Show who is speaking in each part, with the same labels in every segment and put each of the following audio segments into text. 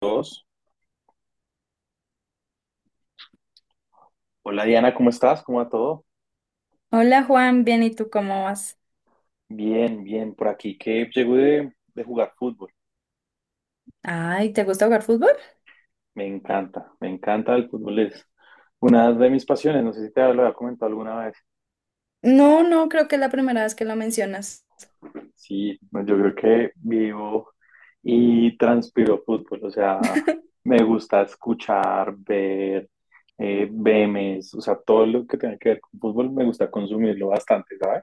Speaker 1: Dos. Hola Diana, ¿cómo estás? ¿Cómo va todo?
Speaker 2: Hola Juan, bien, ¿y tú cómo vas?
Speaker 1: Bien, bien, por aquí que llego de jugar fútbol.
Speaker 2: Ay, ¿te gusta jugar fútbol?
Speaker 1: Me encanta el fútbol, es una de mis pasiones. No sé si te lo había comentado alguna vez.
Speaker 2: No, no, creo que es la primera vez que lo mencionas.
Speaker 1: Sí, no, yo creo que vivo y transpiro fútbol, o sea, me gusta escuchar, ver, memes, o sea, todo lo que tenga que ver con fútbol me gusta consumirlo bastante, ¿sabes?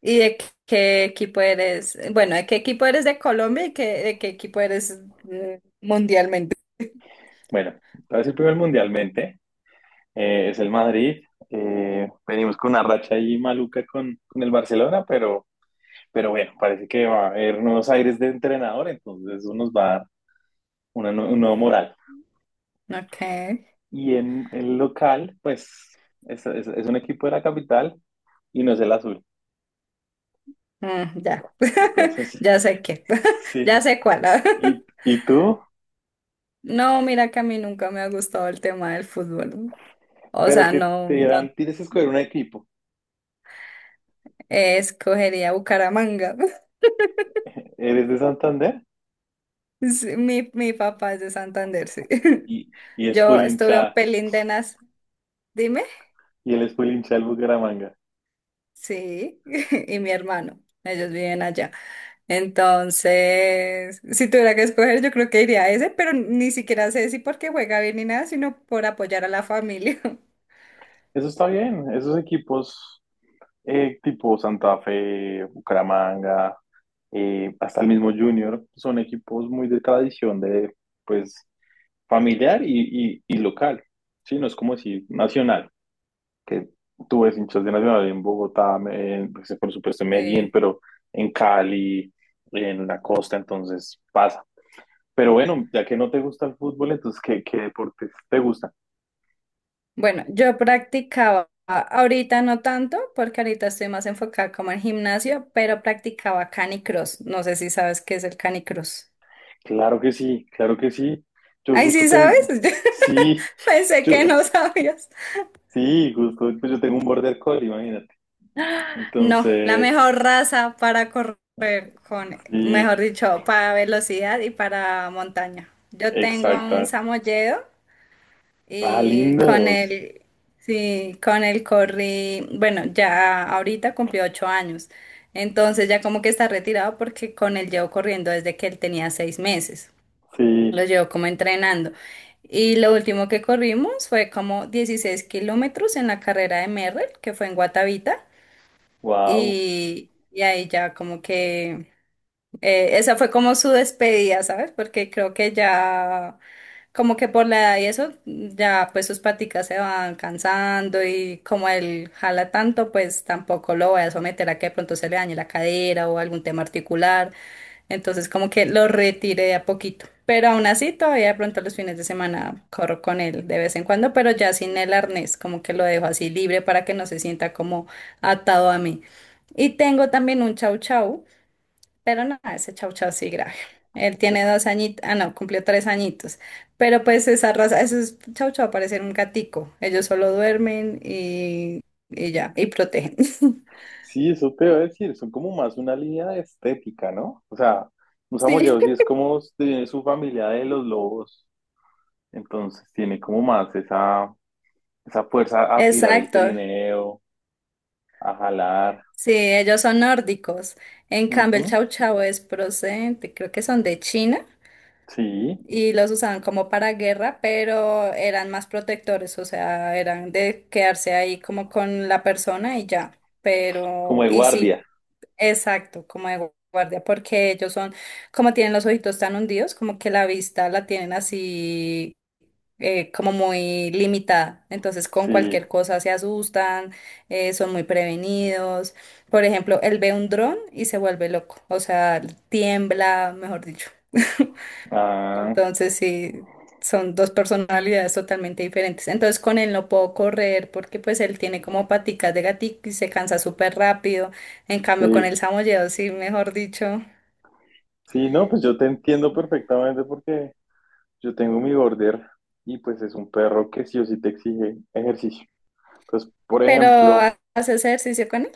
Speaker 2: ¿Y de qué equipo eres? Bueno, ¿de qué equipo eres de Colombia y de qué equipo eres mundialmente?
Speaker 1: Bueno, voy a decir primero mundialmente. Es el Madrid. Venimos con una racha ahí maluca con el Barcelona, pero bueno, parece que va a haber nuevos aires de entrenador, entonces eso nos va a dar un nuevo moral.
Speaker 2: Ok,
Speaker 1: Y en el local, pues es un equipo de la capital y no es el azul.
Speaker 2: mm, ya,
Speaker 1: Entonces,
Speaker 2: ya sé ya
Speaker 1: sí.
Speaker 2: sé cuál.
Speaker 1: ¿Y, y tú?
Speaker 2: No, mira que a mí nunca me ha gustado el tema del fútbol. O
Speaker 1: Pero
Speaker 2: sea,
Speaker 1: que
Speaker 2: no,
Speaker 1: te
Speaker 2: no,
Speaker 1: dirán, tienes que escoger un equipo.
Speaker 2: escogería Bucaramanga.
Speaker 1: Eres de Santander
Speaker 2: Sí. Mi papá es de Santander, sí.
Speaker 1: y es
Speaker 2: Yo
Speaker 1: full
Speaker 2: estuve un
Speaker 1: hinchada.
Speaker 2: pelín de nas, dime,
Speaker 1: Y él es full hincha del Bucaramanga.
Speaker 2: sí, y mi hermano, ellos viven allá. Entonces, si tuviera que escoger, yo creo que iría a ese, pero ni siquiera sé si porque juega bien ni nada, sino por apoyar a la familia.
Speaker 1: Eso está bien. Esos equipos tipo Santa Fe, Bucaramanga, hasta el mismo Junior, son equipos muy de tradición de, pues, familiar y local, ¿sí? No es como decir nacional, que tú ves hinchas de Nacional en Bogotá, en, pues, por supuesto en Medellín,
Speaker 2: Sí.
Speaker 1: pero en Cali, en la costa, entonces pasa. Pero bueno, ya que no te gusta el fútbol, entonces, ¿qué deportes te gustan?
Speaker 2: Bueno, yo practicaba, ahorita no tanto, porque ahorita estoy más enfocada como en gimnasio, pero practicaba canicross. No sé si sabes qué es el canicross.
Speaker 1: Claro que sí, claro que sí. Yo
Speaker 2: Ay,
Speaker 1: gusto
Speaker 2: sí, ¿sabes?
Speaker 1: tengo, sí,
Speaker 2: Pensé
Speaker 1: yo,
Speaker 2: que no sabías.
Speaker 1: sí, justo, pues yo tengo un border collie, imagínate.
Speaker 2: No, la
Speaker 1: Entonces,
Speaker 2: mejor raza para correr con,
Speaker 1: sí,
Speaker 2: mejor dicho, para velocidad y para montaña. Yo tengo un
Speaker 1: exacta.
Speaker 2: samoyedo
Speaker 1: Ah,
Speaker 2: y con
Speaker 1: lindos.
Speaker 2: él, sí, con él corrí, bueno, ya ahorita cumplió 8 años. Entonces ya como que está retirado porque con él llevo corriendo desde que él tenía 6 meses.
Speaker 1: Sí,
Speaker 2: Lo llevo como entrenando. Y lo último que corrimos fue como 16 kilómetros en la carrera de Merrell, que fue en Guatavita.
Speaker 1: wow.
Speaker 2: Y ahí ya como que esa fue como su despedida, ¿sabes? Porque creo que ya, como que por la edad y eso, ya pues sus paticas se van cansando y como él jala tanto, pues tampoco lo voy a someter a que de pronto se le dañe la cadera o algún tema articular. Entonces como que lo retiré de a poquito. Pero aún así, todavía de pronto los fines de semana corro con él de vez en cuando, pero ya sin el arnés, como que lo dejo así libre para que no se sienta como atado a mí. Y tengo también un chau chau. Pero no, ese chau chau sí grave. Él tiene 2 añitos, ah no, cumplió 3 añitos. Pero pues esa raza, eso es chau chau, parecer un gatico. Ellos solo duermen y ya, y protegen.
Speaker 1: Sí, eso te iba a decir, son como más una línea de estética, ¿no? O sea, un
Speaker 2: Sí,
Speaker 1: samoyedo sí es como de su familia de los lobos, entonces tiene como más esa fuerza a tirar el
Speaker 2: exacto.
Speaker 1: trineo, a jalar.
Speaker 2: Sí, ellos son nórdicos. En cambio,
Speaker 1: Ujú,
Speaker 2: el chau chau es procedente, creo que son de China
Speaker 1: sí,
Speaker 2: y los usaban como para guerra, pero eran más protectores, o sea, eran de quedarse ahí como con la persona y ya.
Speaker 1: como
Speaker 2: Pero,
Speaker 1: de
Speaker 2: y sí.
Speaker 1: guardia.
Speaker 2: Exacto, como de guardia, porque ellos son, como tienen los ojitos tan hundidos, como que la vista la tienen así, como muy limitada. Entonces, con
Speaker 1: Sí,
Speaker 2: cualquier cosa se asustan, son muy prevenidos. Por ejemplo, él ve un dron y se vuelve loco, o sea, tiembla, mejor dicho.
Speaker 1: ah,
Speaker 2: Entonces, sí, son dos personalidades totalmente diferentes. Entonces, con él no puedo correr porque pues él tiene como paticas de gatito y se cansa súper rápido. En cambio, con
Speaker 1: sí.
Speaker 2: el samoyedo, sí, mejor dicho.
Speaker 1: Sí, no, pues yo te entiendo perfectamente porque yo tengo mi border y pues es un perro que sí o sí te exige ejercicio. Pues, por
Speaker 2: Pero,
Speaker 1: ejemplo,
Speaker 2: ¿haces ejercicio con él?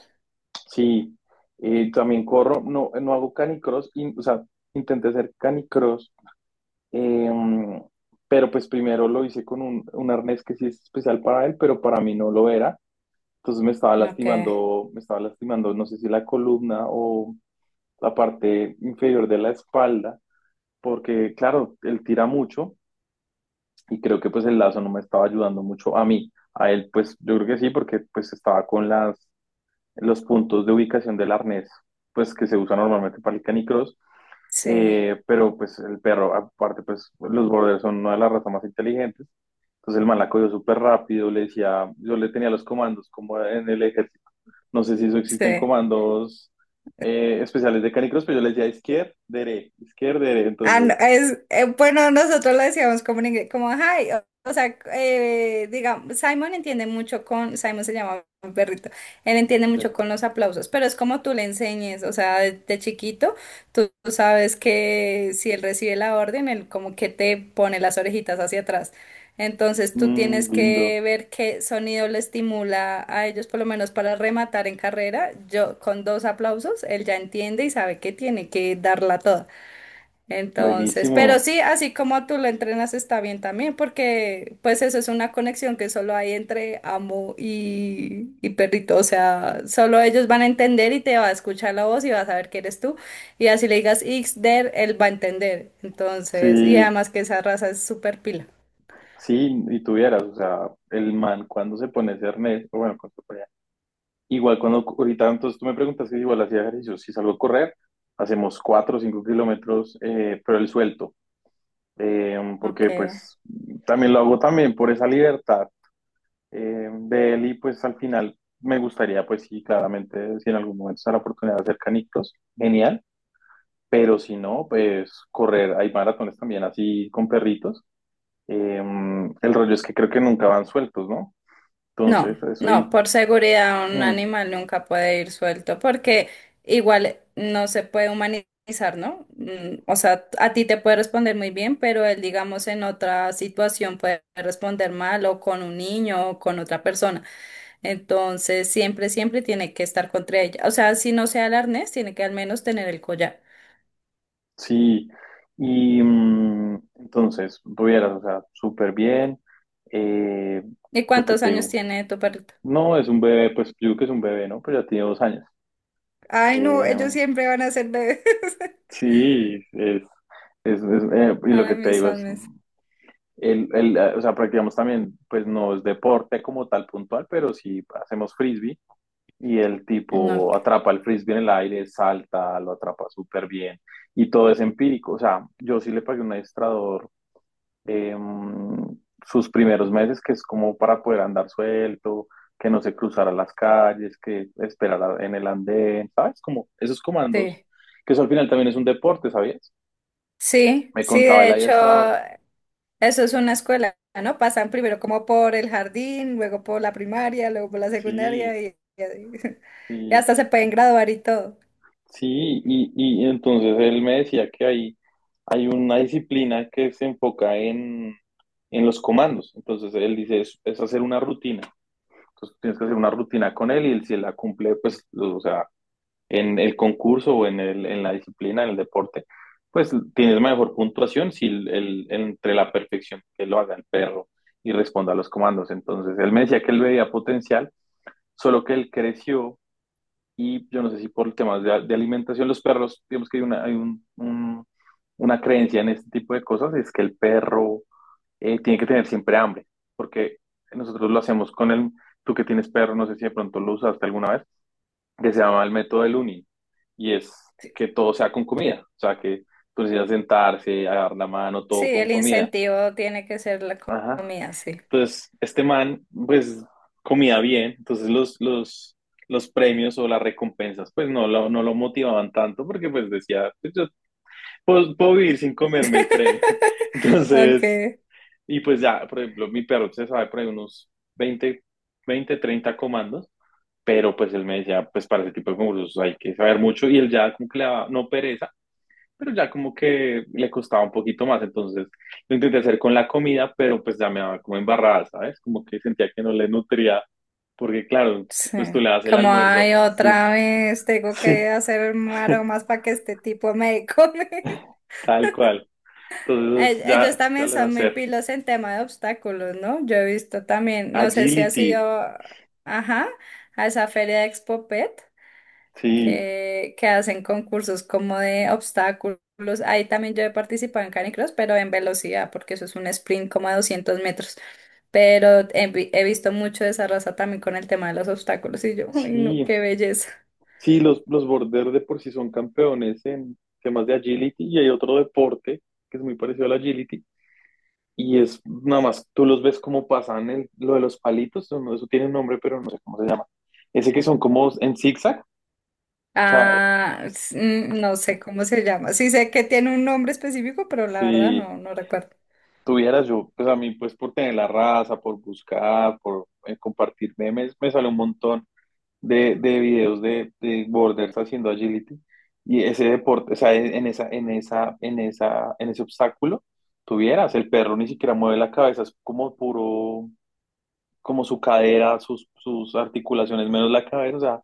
Speaker 1: sí, también corro, no, no hago canicross, o sea, intenté hacer canicross, eh, pero pues primero lo hice con un arnés que sí es especial para él, pero para mí no lo era. Entonces
Speaker 2: Ok,
Speaker 1: me estaba lastimando, no sé si la columna o la parte inferior de la espalda, porque claro, él tira mucho. Y creo que pues el lazo no me estaba ayudando mucho a mí. A él pues yo creo que sí, porque pues estaba con las, los puntos de ubicación del arnés, pues que se usa normalmente para el canicross.
Speaker 2: sí,
Speaker 1: Pero pues el perro, aparte pues los borders son una de las razas más inteligentes. Entonces el man la cogió súper rápido, le decía, yo le tenía los comandos como en el ejército. No sé si eso
Speaker 2: sí.
Speaker 1: existen comandos especiales de canicross, pero yo le decía izquierda, dere, izquierda, dere.
Speaker 2: Ah, no,
Speaker 1: Entonces,
Speaker 2: es, bueno, nosotros lo decíamos como en inglés, como, hi, o sea, digamos, Simon entiende mucho con, Simon se llama mi perrito, él entiende
Speaker 1: eh,
Speaker 2: mucho con los aplausos, pero es como tú le enseñes, o sea, de chiquito, tú sabes que si él recibe la orden, él como que te pone las orejitas hacia atrás. Entonces tú
Speaker 1: mm,
Speaker 2: tienes
Speaker 1: lindo.
Speaker 2: que ver qué sonido le estimula a ellos, por lo menos para rematar en carrera. Yo con 2 aplausos, él ya entiende y sabe que tiene que darla toda. Entonces, pero
Speaker 1: Buenísimo.
Speaker 2: sí, así como tú lo entrenas está bien también, porque pues eso es una conexión que solo hay entre amo y perrito, o sea, solo ellos van a entender y te va a escuchar la voz y va a saber que eres tú, y así le digas Ixder, él va a entender, entonces, y
Speaker 1: Sí,
Speaker 2: además que esa raza es súper pila.
Speaker 1: sí, y tuvieras, o sea, el man cuando se pone ese arnés, o bueno, igual cuando ahorita, entonces tú me preguntas que igual hacía ejercicio, si salgo a correr, hacemos 4 o 5 kilómetros, pero el suelto,
Speaker 2: Ok.
Speaker 1: porque pues también lo hago también por esa libertad de él y pues al final me gustaría, pues sí, claramente, si en algún momento se da la oportunidad de hacer canicos, genial, pero si no, pues correr, hay maratones también así con perritos. Eh, el rollo es que creo que nunca van sueltos, ¿no?
Speaker 2: No,
Speaker 1: Entonces, eso ahí,
Speaker 2: no, por seguridad un
Speaker 1: mm,
Speaker 2: animal nunca puede ir suelto porque igual no se puede humanizar, ¿no? Mm, o sea, a ti te puede responder muy bien, pero él, digamos, en otra situación puede responder mal o con un niño o con otra persona. Entonces, siempre tiene que estar contra ella. O sea, si no sea el arnés, tiene que al menos tener el collar.
Speaker 1: sí. Y entonces, tuvieras, o sea, súper bien. Eh,
Speaker 2: ¿Y
Speaker 1: lo que
Speaker 2: cuántos
Speaker 1: te
Speaker 2: años
Speaker 1: digo,
Speaker 2: tiene tu perrito?
Speaker 1: no es un bebé, pues yo digo que es un bebé, ¿no? Pero ya tiene 2 años.
Speaker 2: Ay, no, ellos
Speaker 1: Eh,
Speaker 2: siempre van a ser bebés.
Speaker 1: sí, y lo
Speaker 2: Para
Speaker 1: que te
Speaker 2: mí
Speaker 1: digo
Speaker 2: son
Speaker 1: es,
Speaker 2: mis...
Speaker 1: o sea, practicamos también, pues no es deporte como tal puntual, pero sí hacemos frisbee. Y el
Speaker 2: No,
Speaker 1: tipo
Speaker 2: ok,
Speaker 1: atrapa el frisbee en el aire, salta, lo atrapa súper bien y todo es empírico. O sea, yo sí le pagué un adiestrador eh, sus primeros meses, que es como para poder andar suelto, que no se cruzara las calles, que esperara en el andén, ¿sabes? Como esos comandos,
Speaker 2: sí.
Speaker 1: que eso al final también es un deporte, ¿sabías?
Speaker 2: Sí,
Speaker 1: Me
Speaker 2: sí,
Speaker 1: contaba el
Speaker 2: de hecho,
Speaker 1: adiestrador.
Speaker 2: eso es una escuela, ¿no? Pasan primero como por el jardín, luego por la primaria, luego por la
Speaker 1: Sí,
Speaker 2: secundaria y así. Y
Speaker 1: sí.
Speaker 2: hasta se pueden graduar y todo.
Speaker 1: Sí, y entonces él me decía que hay una disciplina que se enfoca en los comandos. Entonces él dice, es hacer una rutina. Entonces tienes que hacer una rutina con él y él, si él la cumple, pues, o sea, en el concurso o en la disciplina, en el deporte, pues tienes mejor puntuación si entre la perfección que lo haga el perro y responda a los comandos. Entonces él me decía que él veía potencial, solo que él creció y yo no sé si por temas de alimentación, los perros, digamos que hay una, hay un- una creencia en este tipo de cosas, es que el perro tiene que tener siempre hambre, porque nosotros lo hacemos con el, tú que tienes perro, no sé si de pronto lo usaste alguna vez, que se llama el método del uni, y es
Speaker 2: Sí,
Speaker 1: que todo sea con comida, o sea, que tú necesitas sentarse, agarrar la mano,
Speaker 2: sí,
Speaker 1: todo con
Speaker 2: el
Speaker 1: comida.
Speaker 2: incentivo tiene que ser la
Speaker 1: Ajá.
Speaker 2: comida, sí.
Speaker 1: Entonces, este man, pues, comía bien, entonces los premios o las recompensas, pues, no lo motivaban tanto porque, pues, decía, pues, yo puedo vivir sin comerme el premio. Entonces,
Speaker 2: Okay,
Speaker 1: y pues ya, por ejemplo, mi perro se sabe por ahí unos 20 20, 30 comandos, pero pues él me decía, pues, para ese tipo de concursos hay que saber mucho y él ya como que le daba, no pereza, pero ya como que le costaba un poquito más, entonces lo intenté hacer con la comida, pero pues ya me daba como embarrada, ¿sabes? Como que sentía que no le nutría, porque claro,
Speaker 2: sí.
Speaker 1: pues tú le das el
Speaker 2: Como hay
Speaker 1: almuerzo, así,
Speaker 2: otra vez, tengo
Speaker 1: sí,
Speaker 2: que hacer
Speaker 1: sí,
Speaker 2: maromas para que este tipo me come.
Speaker 1: tal cual. Entonces
Speaker 2: E- Ellos
Speaker 1: ya, ya
Speaker 2: también
Speaker 1: le voy a
Speaker 2: son muy
Speaker 1: hacer.
Speaker 2: pilos en tema de obstáculos, ¿no? Yo he visto también, no sé si ha
Speaker 1: Agility,
Speaker 2: sido, ajá, a esa feria de Expo Pet,
Speaker 1: sí,
Speaker 2: que hacen concursos como de obstáculos. Ahí también yo he participado en canicross, pero en velocidad, porque eso es un sprint como a 200 metros. Pero he visto mucho de esa raza también con el tema de los obstáculos y yo, uy, no, qué
Speaker 1: sí,
Speaker 2: belleza.
Speaker 1: sí, los border de por sí son campeones en temas de agility y hay otro deporte que es muy parecido al agility. Y es nada más, tú los ves como pasan lo de los palitos, no, eso tiene un nombre, pero no sé cómo se llama. Ese que son como en zigzag, o sea,
Speaker 2: Ah, s- mm, no sé cómo se llama. Sí sé que tiene un nombre específico, pero la verdad
Speaker 1: si
Speaker 2: no, no recuerdo.
Speaker 1: tuvieras yo, pues a mí, pues por tener la raza, por buscar, por compartir memes, me sale un montón de videos de borders haciendo agility. Y ese deporte, o sea, en ese obstáculo, tuvieras, el perro ni siquiera mueve la cabeza, es como puro como su cadera, sus articulaciones, menos la cabeza, o sea,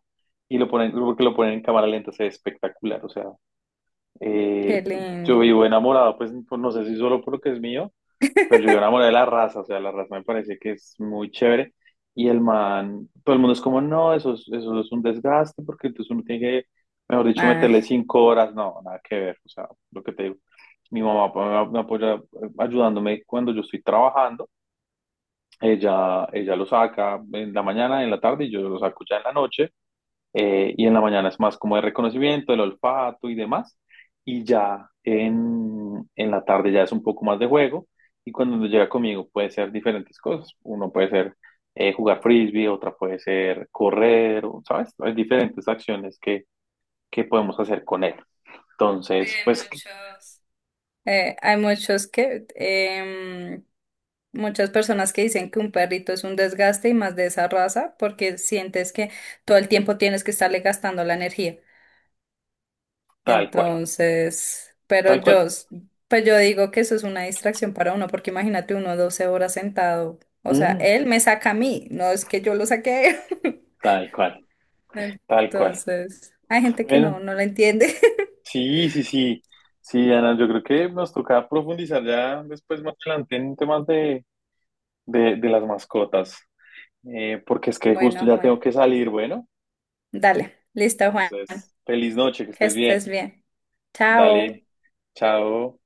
Speaker 1: y lo ponen, porque lo ponen en cámara lenta, se ve espectacular, o sea,
Speaker 2: Qué
Speaker 1: eh, yo
Speaker 2: lindo.
Speaker 1: vivo enamorado, pues no sé si solo por lo que es mío, pero yo vivo enamorado de la raza, o sea, la raza me parece que es muy chévere, y el man, todo el mundo es como, no, eso es un desgaste, porque entonces uno tiene que, mejor dicho,
Speaker 2: Ay,
Speaker 1: meterle 5 horas, no, nada que ver, o sea, lo que te digo, mi mamá pues, me apoya ayudándome cuando yo estoy trabajando, ella lo saca en la mañana, en la tarde y yo lo saco ya en la noche. Y en la mañana es más como de reconocimiento, el olfato y demás. Y ya en la tarde ya es un poco más de juego. Y cuando llega conmigo puede ser diferentes cosas. Uno puede ser jugar frisbee, otra puede ser correr, o, ¿sabes? Hay diferentes acciones que podemos hacer con él.
Speaker 2: sí,
Speaker 1: Entonces, pues
Speaker 2: hay muchos. Hay muchos que muchas personas que dicen que un perrito es un desgaste y más de esa raza porque sientes que todo el tiempo tienes que estarle gastando la energía.
Speaker 1: tal cual,
Speaker 2: Entonces,
Speaker 1: tal cual.
Speaker 2: pues yo digo que eso es una distracción para uno porque imagínate uno 12 horas sentado. O sea,
Speaker 1: Mm,
Speaker 2: él me saca a mí, no es que yo lo saque.
Speaker 1: tal cual, tal cual.
Speaker 2: Entonces, hay gente que
Speaker 1: Bueno.
Speaker 2: no la entiende.
Speaker 1: Sí, sí, sí. Sí, Ana, yo creo que nos toca profundizar ya después más adelante en temas de las mascotas. Porque es que justo
Speaker 2: Bueno,
Speaker 1: ya
Speaker 2: bueno.
Speaker 1: tengo que salir, bueno.
Speaker 2: Dale, listo, Juan.
Speaker 1: Entonces, feliz noche, que
Speaker 2: Que
Speaker 1: estés bien.
Speaker 2: estés bien. Chao.
Speaker 1: Dale, chao.